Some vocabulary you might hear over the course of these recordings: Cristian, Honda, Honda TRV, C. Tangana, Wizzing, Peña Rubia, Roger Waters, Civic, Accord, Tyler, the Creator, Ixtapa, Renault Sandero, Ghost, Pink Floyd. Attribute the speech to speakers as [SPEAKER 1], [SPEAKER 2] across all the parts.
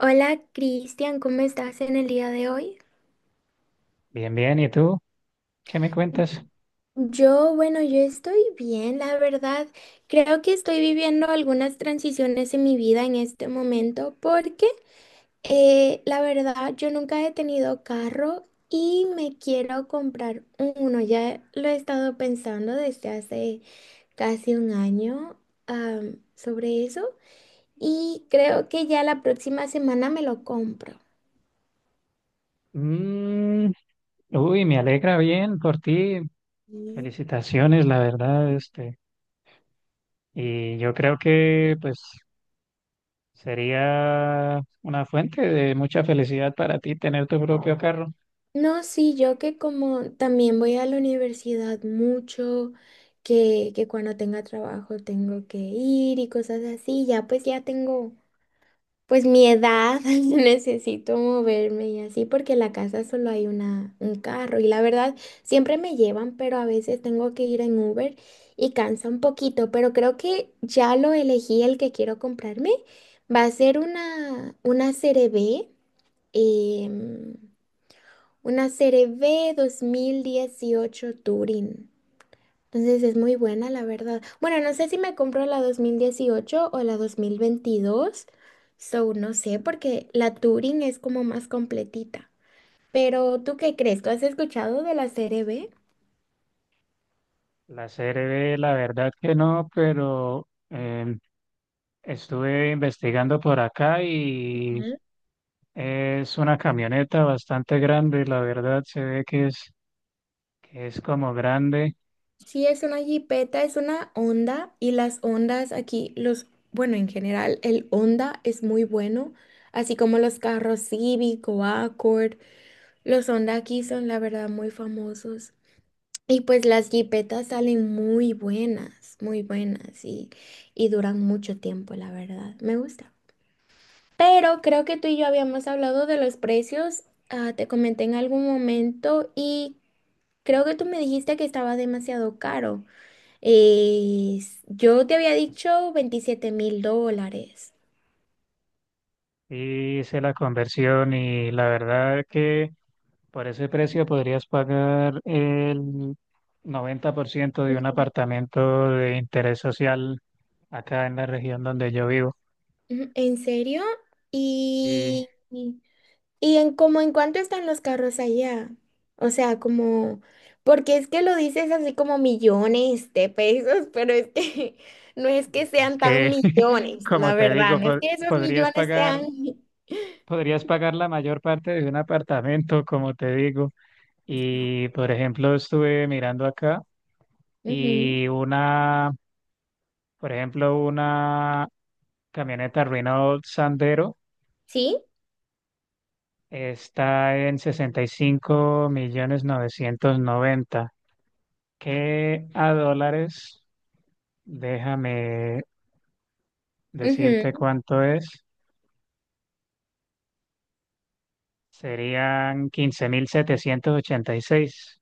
[SPEAKER 1] Hola Cristian, ¿cómo estás en el día de hoy?
[SPEAKER 2] Bien, bien. ¿Y tú? ¿Qué me cuentas?
[SPEAKER 1] Yo, bueno, yo estoy bien, la verdad. Creo que estoy viviendo algunas transiciones en mi vida en este momento, porque la verdad yo nunca he tenido carro y me quiero comprar uno. Ya lo he estado pensando desde hace casi un año sobre eso, y creo que ya la próxima semana me lo compro.
[SPEAKER 2] Mm, uy, me alegra bien por ti. Felicitaciones, la verdad, este. Y yo creo que, pues, sería una fuente de mucha felicidad para ti tener tu propio carro.
[SPEAKER 1] No, sí, yo, que como también voy a la universidad mucho, que cuando tenga trabajo tengo que ir y cosas así, ya pues ya tengo, pues, mi edad, necesito moverme y así, porque en la casa solo hay un carro y la verdad siempre me llevan, pero a veces tengo que ir en Uber y cansa un poquito, pero creo que ya lo elegí el que quiero comprarme. Va a ser una serie B 2018 Turing. Entonces es muy buena, la verdad. Bueno, no sé si me compro la 2018 o la 2022. So, no sé, porque la Turing es como más completita. Pero, ¿tú qué crees? ¿Tú has escuchado de la serie B?
[SPEAKER 2] La CRV la verdad que no, pero estuve investigando por acá y
[SPEAKER 1] Ujú.
[SPEAKER 2] es una camioneta bastante grande, la verdad, se ve que es como grande.
[SPEAKER 1] Sí, es una jipeta, es una Honda, y las Hondas aquí, los, bueno, en general, el Honda es muy bueno, así como los carros Civic o Accord. Los Honda aquí son, la verdad, muy famosos. Y pues las jipetas salen muy buenas, muy buenas, y duran mucho tiempo, la verdad. Me gusta. Pero creo que tú y yo habíamos hablado de los precios. Te comenté en algún momento y creo que tú me dijiste que estaba demasiado caro. Yo te había dicho 27.000 dólares.
[SPEAKER 2] Y hice la conversión y la verdad que por ese precio podrías pagar el 90% de un
[SPEAKER 1] Ujú.
[SPEAKER 2] apartamento de interés social acá en la región donde yo vivo.
[SPEAKER 1] Ujú, ¿en serio?
[SPEAKER 2] Y
[SPEAKER 1] Y, ¿Y en cuánto están los carros allá? O sea, como, porque es que lo dices así como millones de pesos, pero es que no es que
[SPEAKER 2] es
[SPEAKER 1] sean tan
[SPEAKER 2] que,
[SPEAKER 1] millones,
[SPEAKER 2] como
[SPEAKER 1] la
[SPEAKER 2] te
[SPEAKER 1] verdad,
[SPEAKER 2] digo,
[SPEAKER 1] no es que esos
[SPEAKER 2] podrías
[SPEAKER 1] millones
[SPEAKER 2] pagar,
[SPEAKER 1] sean...
[SPEAKER 2] podrías pagar la mayor parte de un apartamento, como te digo. Y, por ejemplo, estuve mirando acá
[SPEAKER 1] Ujú.
[SPEAKER 2] y una, por ejemplo, una camioneta Renault Sandero
[SPEAKER 1] ¿Sí?
[SPEAKER 2] está en 65.000.990. Que a dólares, déjame
[SPEAKER 1] Ujú.
[SPEAKER 2] decirte cuánto es, serían 15.786.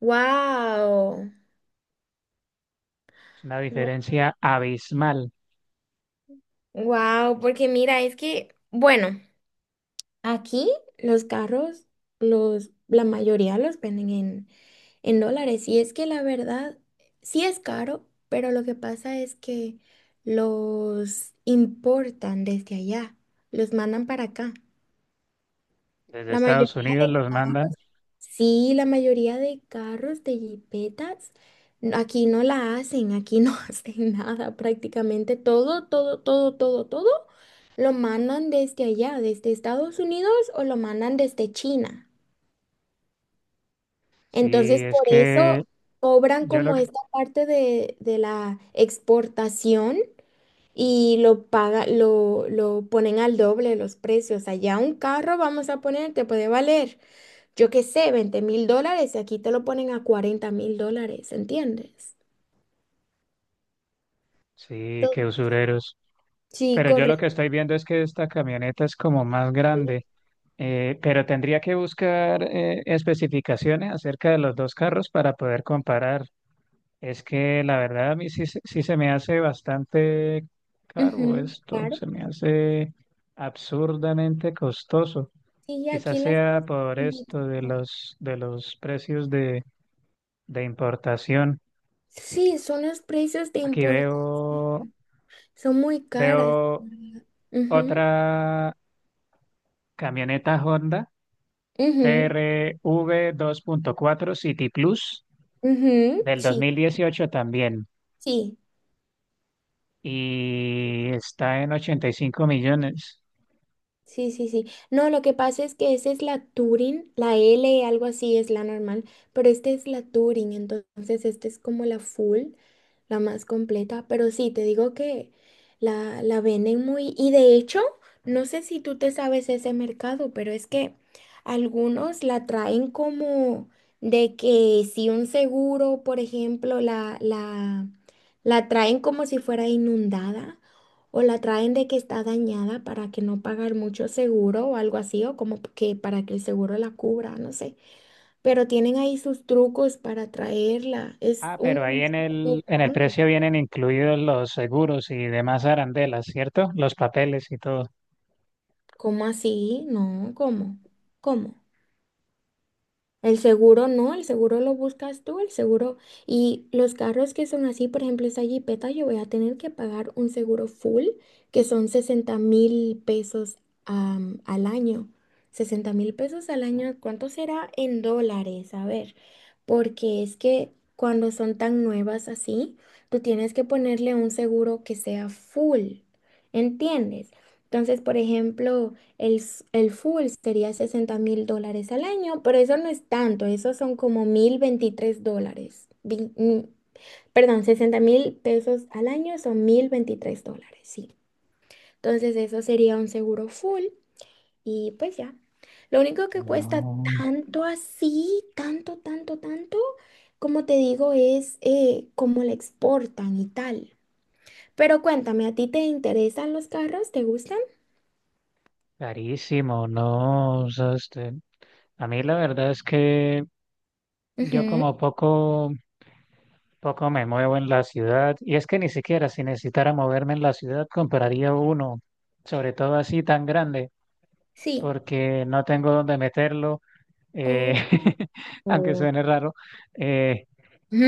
[SPEAKER 1] Wow.
[SPEAKER 2] Es una diferencia abismal.
[SPEAKER 1] Wow, porque mira, es que, bueno, aquí los carros, la mayoría los venden en dólares. Y es que la verdad, sí es caro, pero lo que pasa es que los importan desde allá, los mandan para acá.
[SPEAKER 2] Desde
[SPEAKER 1] La mayoría
[SPEAKER 2] Estados Unidos
[SPEAKER 1] de,
[SPEAKER 2] los mandan.
[SPEAKER 1] sí, la mayoría de carros, de jipetas, aquí no la hacen, aquí no hacen nada prácticamente. Todo, todo, todo, todo, todo lo mandan desde allá, desde Estados Unidos, o lo mandan desde China.
[SPEAKER 2] Sí,
[SPEAKER 1] Entonces,
[SPEAKER 2] es
[SPEAKER 1] por eso
[SPEAKER 2] que
[SPEAKER 1] cobran
[SPEAKER 2] yo lo
[SPEAKER 1] como
[SPEAKER 2] que...
[SPEAKER 1] esta parte de la exportación, y lo ponen al doble los precios. Allá un carro, vamos a poner, te puede valer, yo qué sé, 20.000 dólares, y aquí te lo ponen a 40.000 dólares, ¿entiendes?
[SPEAKER 2] Sí, qué
[SPEAKER 1] To-
[SPEAKER 2] usureros.
[SPEAKER 1] Sí,
[SPEAKER 2] Pero yo lo
[SPEAKER 1] correcto.
[SPEAKER 2] que estoy viendo es que esta camioneta es como más grande. Pero tendría que buscar especificaciones acerca de los dos carros para poder comparar. Es que la verdad a mí sí, sí se me hace bastante caro
[SPEAKER 1] Ujú,
[SPEAKER 2] esto,
[SPEAKER 1] claro.
[SPEAKER 2] se me hace absurdamente costoso.
[SPEAKER 1] Y
[SPEAKER 2] Quizás
[SPEAKER 1] aquí las
[SPEAKER 2] sea
[SPEAKER 1] cosas
[SPEAKER 2] por
[SPEAKER 1] son muy
[SPEAKER 2] esto de
[SPEAKER 1] caras.
[SPEAKER 2] los precios de importación.
[SPEAKER 1] Sí, son los precios de
[SPEAKER 2] Aquí
[SPEAKER 1] importación.
[SPEAKER 2] veo,
[SPEAKER 1] Son muy caras,
[SPEAKER 2] veo
[SPEAKER 1] la verdad. Ujú,
[SPEAKER 2] otra camioneta Honda
[SPEAKER 1] ujú.
[SPEAKER 2] TRV 2.4 City Plus.
[SPEAKER 1] Ujú,
[SPEAKER 2] Del dos
[SPEAKER 1] sí,
[SPEAKER 2] mil dieciocho también.
[SPEAKER 1] sí,
[SPEAKER 2] Y está en 85 millones.
[SPEAKER 1] sí, sí, sí. No, lo que pasa es que esa es la Turing, la L, algo así es la normal, pero esta es la Turing, entonces esta es como la full, la más completa, pero sí, te digo que la venden muy, y de hecho, no sé si tú te sabes ese mercado, pero es que algunos la traen como de que si un seguro, por ejemplo, la traen como si fuera inundada. O la traen de que está dañada para que no pagar mucho seguro o algo así, o como que para que el seguro la cubra, no sé. Pero tienen ahí sus trucos para traerla. Es
[SPEAKER 2] Ah,
[SPEAKER 1] un
[SPEAKER 2] pero ahí
[SPEAKER 1] negocio
[SPEAKER 2] en
[SPEAKER 1] muy
[SPEAKER 2] el
[SPEAKER 1] grande.
[SPEAKER 2] precio vienen incluidos los seguros y demás arandelas, ¿cierto? Los papeles y todo.
[SPEAKER 1] ¿Cómo así? No, ¿cómo? ¿Cómo? El seguro no, el seguro lo buscas tú, el seguro. Y los carros que son así, por ejemplo, esa jipeta, yo voy a tener que pagar un seguro full, que son 60.000 pesos al año. 60.000 pesos al año, ¿cuánto será en dólares? A ver, porque es que cuando son tan nuevas así, tú tienes que ponerle un seguro que sea full, ¿entiendes? Entonces, por ejemplo... El full sería 60.000 dólares al año, pero eso no es tanto, eso son como 1.023 dólares. Perdón, 60.000 pesos al año son 1.023 dólares, sí. Entonces eso sería un seguro full y pues ya. Lo único que cuesta
[SPEAKER 2] No,
[SPEAKER 1] tanto así, tanto, tanto, tanto, como te digo, es cómo la exportan y tal. Pero cuéntame, ¿a ti te interesan los carros? ¿Te gustan?
[SPEAKER 2] carísimo, no. O sea, este, a mí la verdad es que yo
[SPEAKER 1] Ujú,
[SPEAKER 2] como poco me muevo en la ciudad y es que ni siquiera si necesitara moverme en la ciudad compraría uno, sobre todo así tan grande,
[SPEAKER 1] sí.
[SPEAKER 2] porque no tengo dónde meterlo, eh,
[SPEAKER 1] Oh.
[SPEAKER 2] aunque suene raro. eh,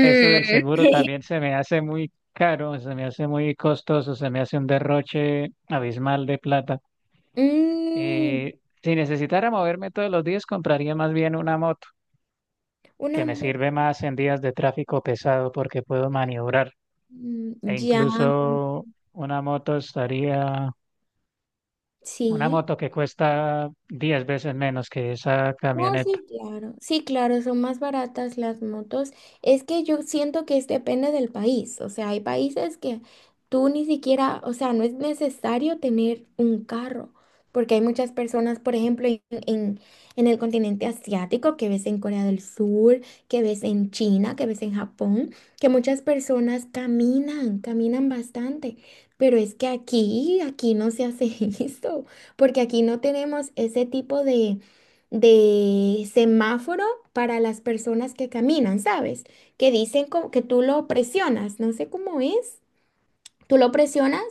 [SPEAKER 2] Eso del seguro también se me hace muy caro, se me hace muy costoso, se me hace un derroche abismal de plata.
[SPEAKER 1] Mm,
[SPEAKER 2] Si necesitara moverme todos los días compraría más bien una moto, que
[SPEAKER 1] una
[SPEAKER 2] me
[SPEAKER 1] mu-
[SPEAKER 2] sirve más en días de tráfico pesado porque puedo maniobrar.
[SPEAKER 1] mm,
[SPEAKER 2] E
[SPEAKER 1] ya,
[SPEAKER 2] incluso una moto estaría, una
[SPEAKER 1] sí.
[SPEAKER 2] moto que cuesta 10 veces menos que esa
[SPEAKER 1] No,
[SPEAKER 2] camioneta.
[SPEAKER 1] sí, claro. Sí, claro, son más baratas las motos. Es que yo siento que depende del país. O sea, hay países que tú ni siquiera, o sea, no es necesario tener un carro, porque hay muchas personas, por ejemplo, en, en el continente asiático, que ves en Corea del Sur, que ves en China, que ves en Japón, que muchas personas caminan, caminan bastante. Pero es que aquí, aquí no se hace eso, porque aquí no tenemos ese tipo de semáforo para las personas que caminan, ¿sabes? Que dicen como que tú lo presionas, no sé cómo es. Tú lo presionas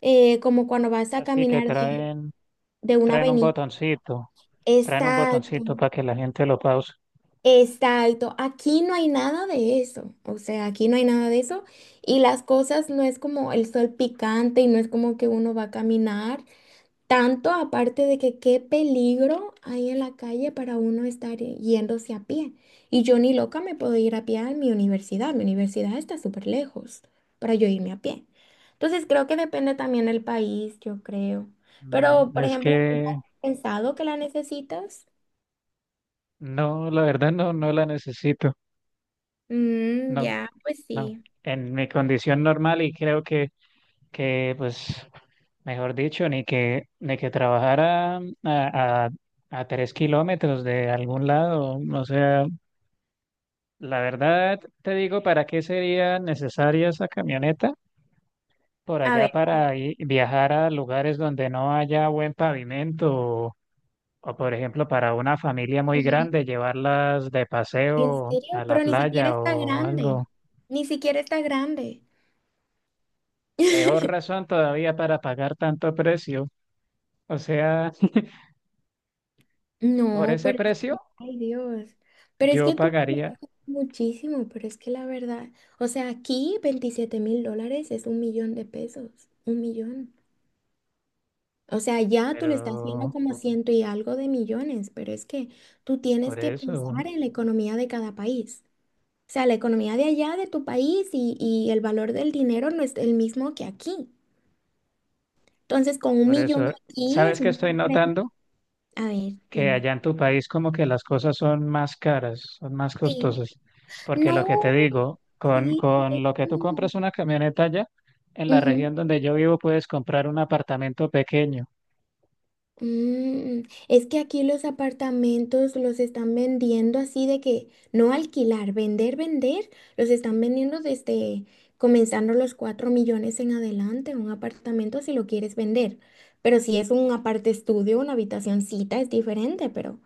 [SPEAKER 1] como cuando vas a
[SPEAKER 2] Así que
[SPEAKER 1] caminar de, una
[SPEAKER 2] traen un
[SPEAKER 1] avenida.
[SPEAKER 2] botoncito, traen un
[SPEAKER 1] Exacto,
[SPEAKER 2] botoncito para que la gente lo pause.
[SPEAKER 1] exacto. Aquí no hay nada de eso. O sea, aquí no hay nada de eso. Y las cosas no es como el sol picante y no es como que uno va a caminar. Tanto aparte de que qué peligro hay en la calle para uno estar yéndose a pie. Y yo ni loca me puedo ir a pie a mi universidad. Mi universidad está súper lejos para yo irme a pie. Entonces creo que depende también del país, yo creo. Pero, por
[SPEAKER 2] Es
[SPEAKER 1] ejemplo, ¿nunca
[SPEAKER 2] que
[SPEAKER 1] has pensado que la necesitas?
[SPEAKER 2] no, la verdad no, no la necesito.
[SPEAKER 1] Mm,
[SPEAKER 2] No,
[SPEAKER 1] ya, pues
[SPEAKER 2] no.
[SPEAKER 1] sí.
[SPEAKER 2] En mi condición normal y creo que pues, mejor dicho, ni que trabajara a 3 kilómetros de algún lado, o sea, la verdad, te digo, ¿para qué sería necesaria esa camioneta? Por
[SPEAKER 1] A ver,
[SPEAKER 2] allá
[SPEAKER 1] para...
[SPEAKER 2] para viajar a lugares donde no haya buen pavimento o, por ejemplo, para una familia muy
[SPEAKER 1] Ujú.
[SPEAKER 2] grande, llevarlas de
[SPEAKER 1] ¿En
[SPEAKER 2] paseo
[SPEAKER 1] serio?
[SPEAKER 2] a la
[SPEAKER 1] Pero ni siquiera
[SPEAKER 2] playa
[SPEAKER 1] está
[SPEAKER 2] o
[SPEAKER 1] grande.
[SPEAKER 2] algo.
[SPEAKER 1] Ni siquiera está grande.
[SPEAKER 2] Peor razón todavía para pagar tanto precio. O sea, por
[SPEAKER 1] No,
[SPEAKER 2] ese
[SPEAKER 1] pero es
[SPEAKER 2] precio
[SPEAKER 1] que, ay Dios, pero es
[SPEAKER 2] yo
[SPEAKER 1] que tú ganas
[SPEAKER 2] pagaría,
[SPEAKER 1] muchísimo, pero es que la verdad, o sea, aquí 27.000 dólares es un millón de pesos, un millón. O sea, ya tú le estás viendo
[SPEAKER 2] pero
[SPEAKER 1] como ciento y algo de millones, pero es que tú tienes
[SPEAKER 2] por
[SPEAKER 1] que
[SPEAKER 2] eso,
[SPEAKER 1] pensar en la economía de cada país. O sea, la economía de allá, de tu país, y el valor del dinero no es el mismo que aquí. Entonces, con un
[SPEAKER 2] por
[SPEAKER 1] millón
[SPEAKER 2] eso,
[SPEAKER 1] aquí es
[SPEAKER 2] ¿sabes qué
[SPEAKER 1] muy
[SPEAKER 2] estoy
[SPEAKER 1] diferente.
[SPEAKER 2] notando?
[SPEAKER 1] A ver,
[SPEAKER 2] Que
[SPEAKER 1] dime.
[SPEAKER 2] allá en tu país como que las cosas son más caras, son más
[SPEAKER 1] Sí.
[SPEAKER 2] costosas, porque lo
[SPEAKER 1] No,
[SPEAKER 2] que te digo, con,
[SPEAKER 1] sí, es
[SPEAKER 2] con lo que tú
[SPEAKER 1] como...
[SPEAKER 2] compras una camioneta allá, en la
[SPEAKER 1] Ujú.
[SPEAKER 2] región donde yo vivo puedes comprar un apartamento pequeño.
[SPEAKER 1] Mm, es que aquí los apartamentos los están vendiendo así de que no alquilar, vender, vender, los están vendiendo desde comenzando los 4 millones en adelante, un apartamento si lo quieres vender. Pero si es un aparte estudio, una habitacioncita es diferente, pero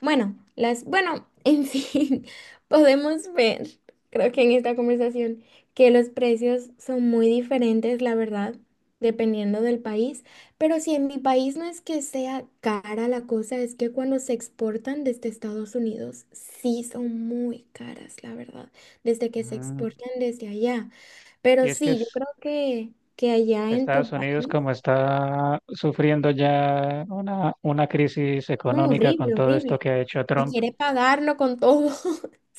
[SPEAKER 1] bueno, las, bueno, en fin, podemos ver, creo que en esta conversación, que los precios son muy diferentes, la verdad, dependiendo del país. Pero si en mi país no es que sea cara la cosa, es que cuando se exportan desde Estados Unidos, sí son muy caras, la verdad, desde que se
[SPEAKER 2] Mm,
[SPEAKER 1] exportan desde allá.
[SPEAKER 2] Y
[SPEAKER 1] Pero
[SPEAKER 2] es que
[SPEAKER 1] sí, yo creo que allá en tu
[SPEAKER 2] Estados Unidos
[SPEAKER 1] país,
[SPEAKER 2] como está sufriendo ya una crisis
[SPEAKER 1] no,
[SPEAKER 2] económica con
[SPEAKER 1] horrible,
[SPEAKER 2] todo esto
[SPEAKER 1] horrible.
[SPEAKER 2] que ha hecho
[SPEAKER 1] Y
[SPEAKER 2] Trump,
[SPEAKER 1] quiere pagarlo con todo.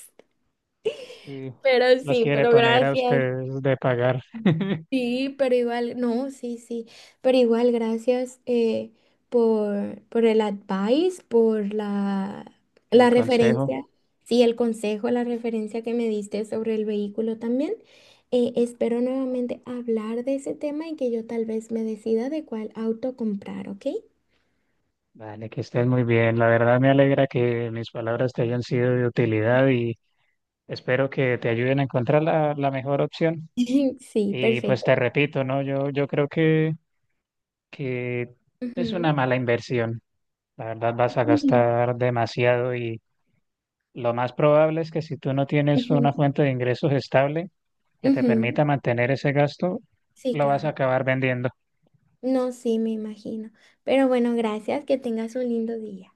[SPEAKER 2] sí.
[SPEAKER 1] Pero
[SPEAKER 2] Los
[SPEAKER 1] sí,
[SPEAKER 2] quiere
[SPEAKER 1] pero
[SPEAKER 2] poner a
[SPEAKER 1] gracias.
[SPEAKER 2] ustedes de pagar
[SPEAKER 1] Sí, pero igual, no, sí, sí, pero igual gracias por el advice, por la
[SPEAKER 2] el consejo.
[SPEAKER 1] referencia, sí, el consejo, la referencia que me diste sobre el vehículo también. Espero nuevamente hablar de ese tema y que yo tal vez me decida de cuál auto comprar, ¿ok?
[SPEAKER 2] Vale, que estés muy bien. La verdad me alegra que mis palabras te hayan sido de utilidad y espero que te ayuden a encontrar la mejor opción.
[SPEAKER 1] Sí,
[SPEAKER 2] Y pues
[SPEAKER 1] perfecto.
[SPEAKER 2] te repito, ¿no? Yo creo que es una
[SPEAKER 1] Ujú.
[SPEAKER 2] mala inversión. La verdad vas a
[SPEAKER 1] Sí.
[SPEAKER 2] gastar demasiado y lo más probable es que si tú no tienes
[SPEAKER 1] Ujú,
[SPEAKER 2] una fuente de ingresos estable que te
[SPEAKER 1] ujú.
[SPEAKER 2] permita mantener ese gasto,
[SPEAKER 1] Sí,
[SPEAKER 2] lo vas a
[SPEAKER 1] claro.
[SPEAKER 2] acabar vendiendo.
[SPEAKER 1] No, sí, me imagino. Pero bueno, gracias, que tengas un lindo día.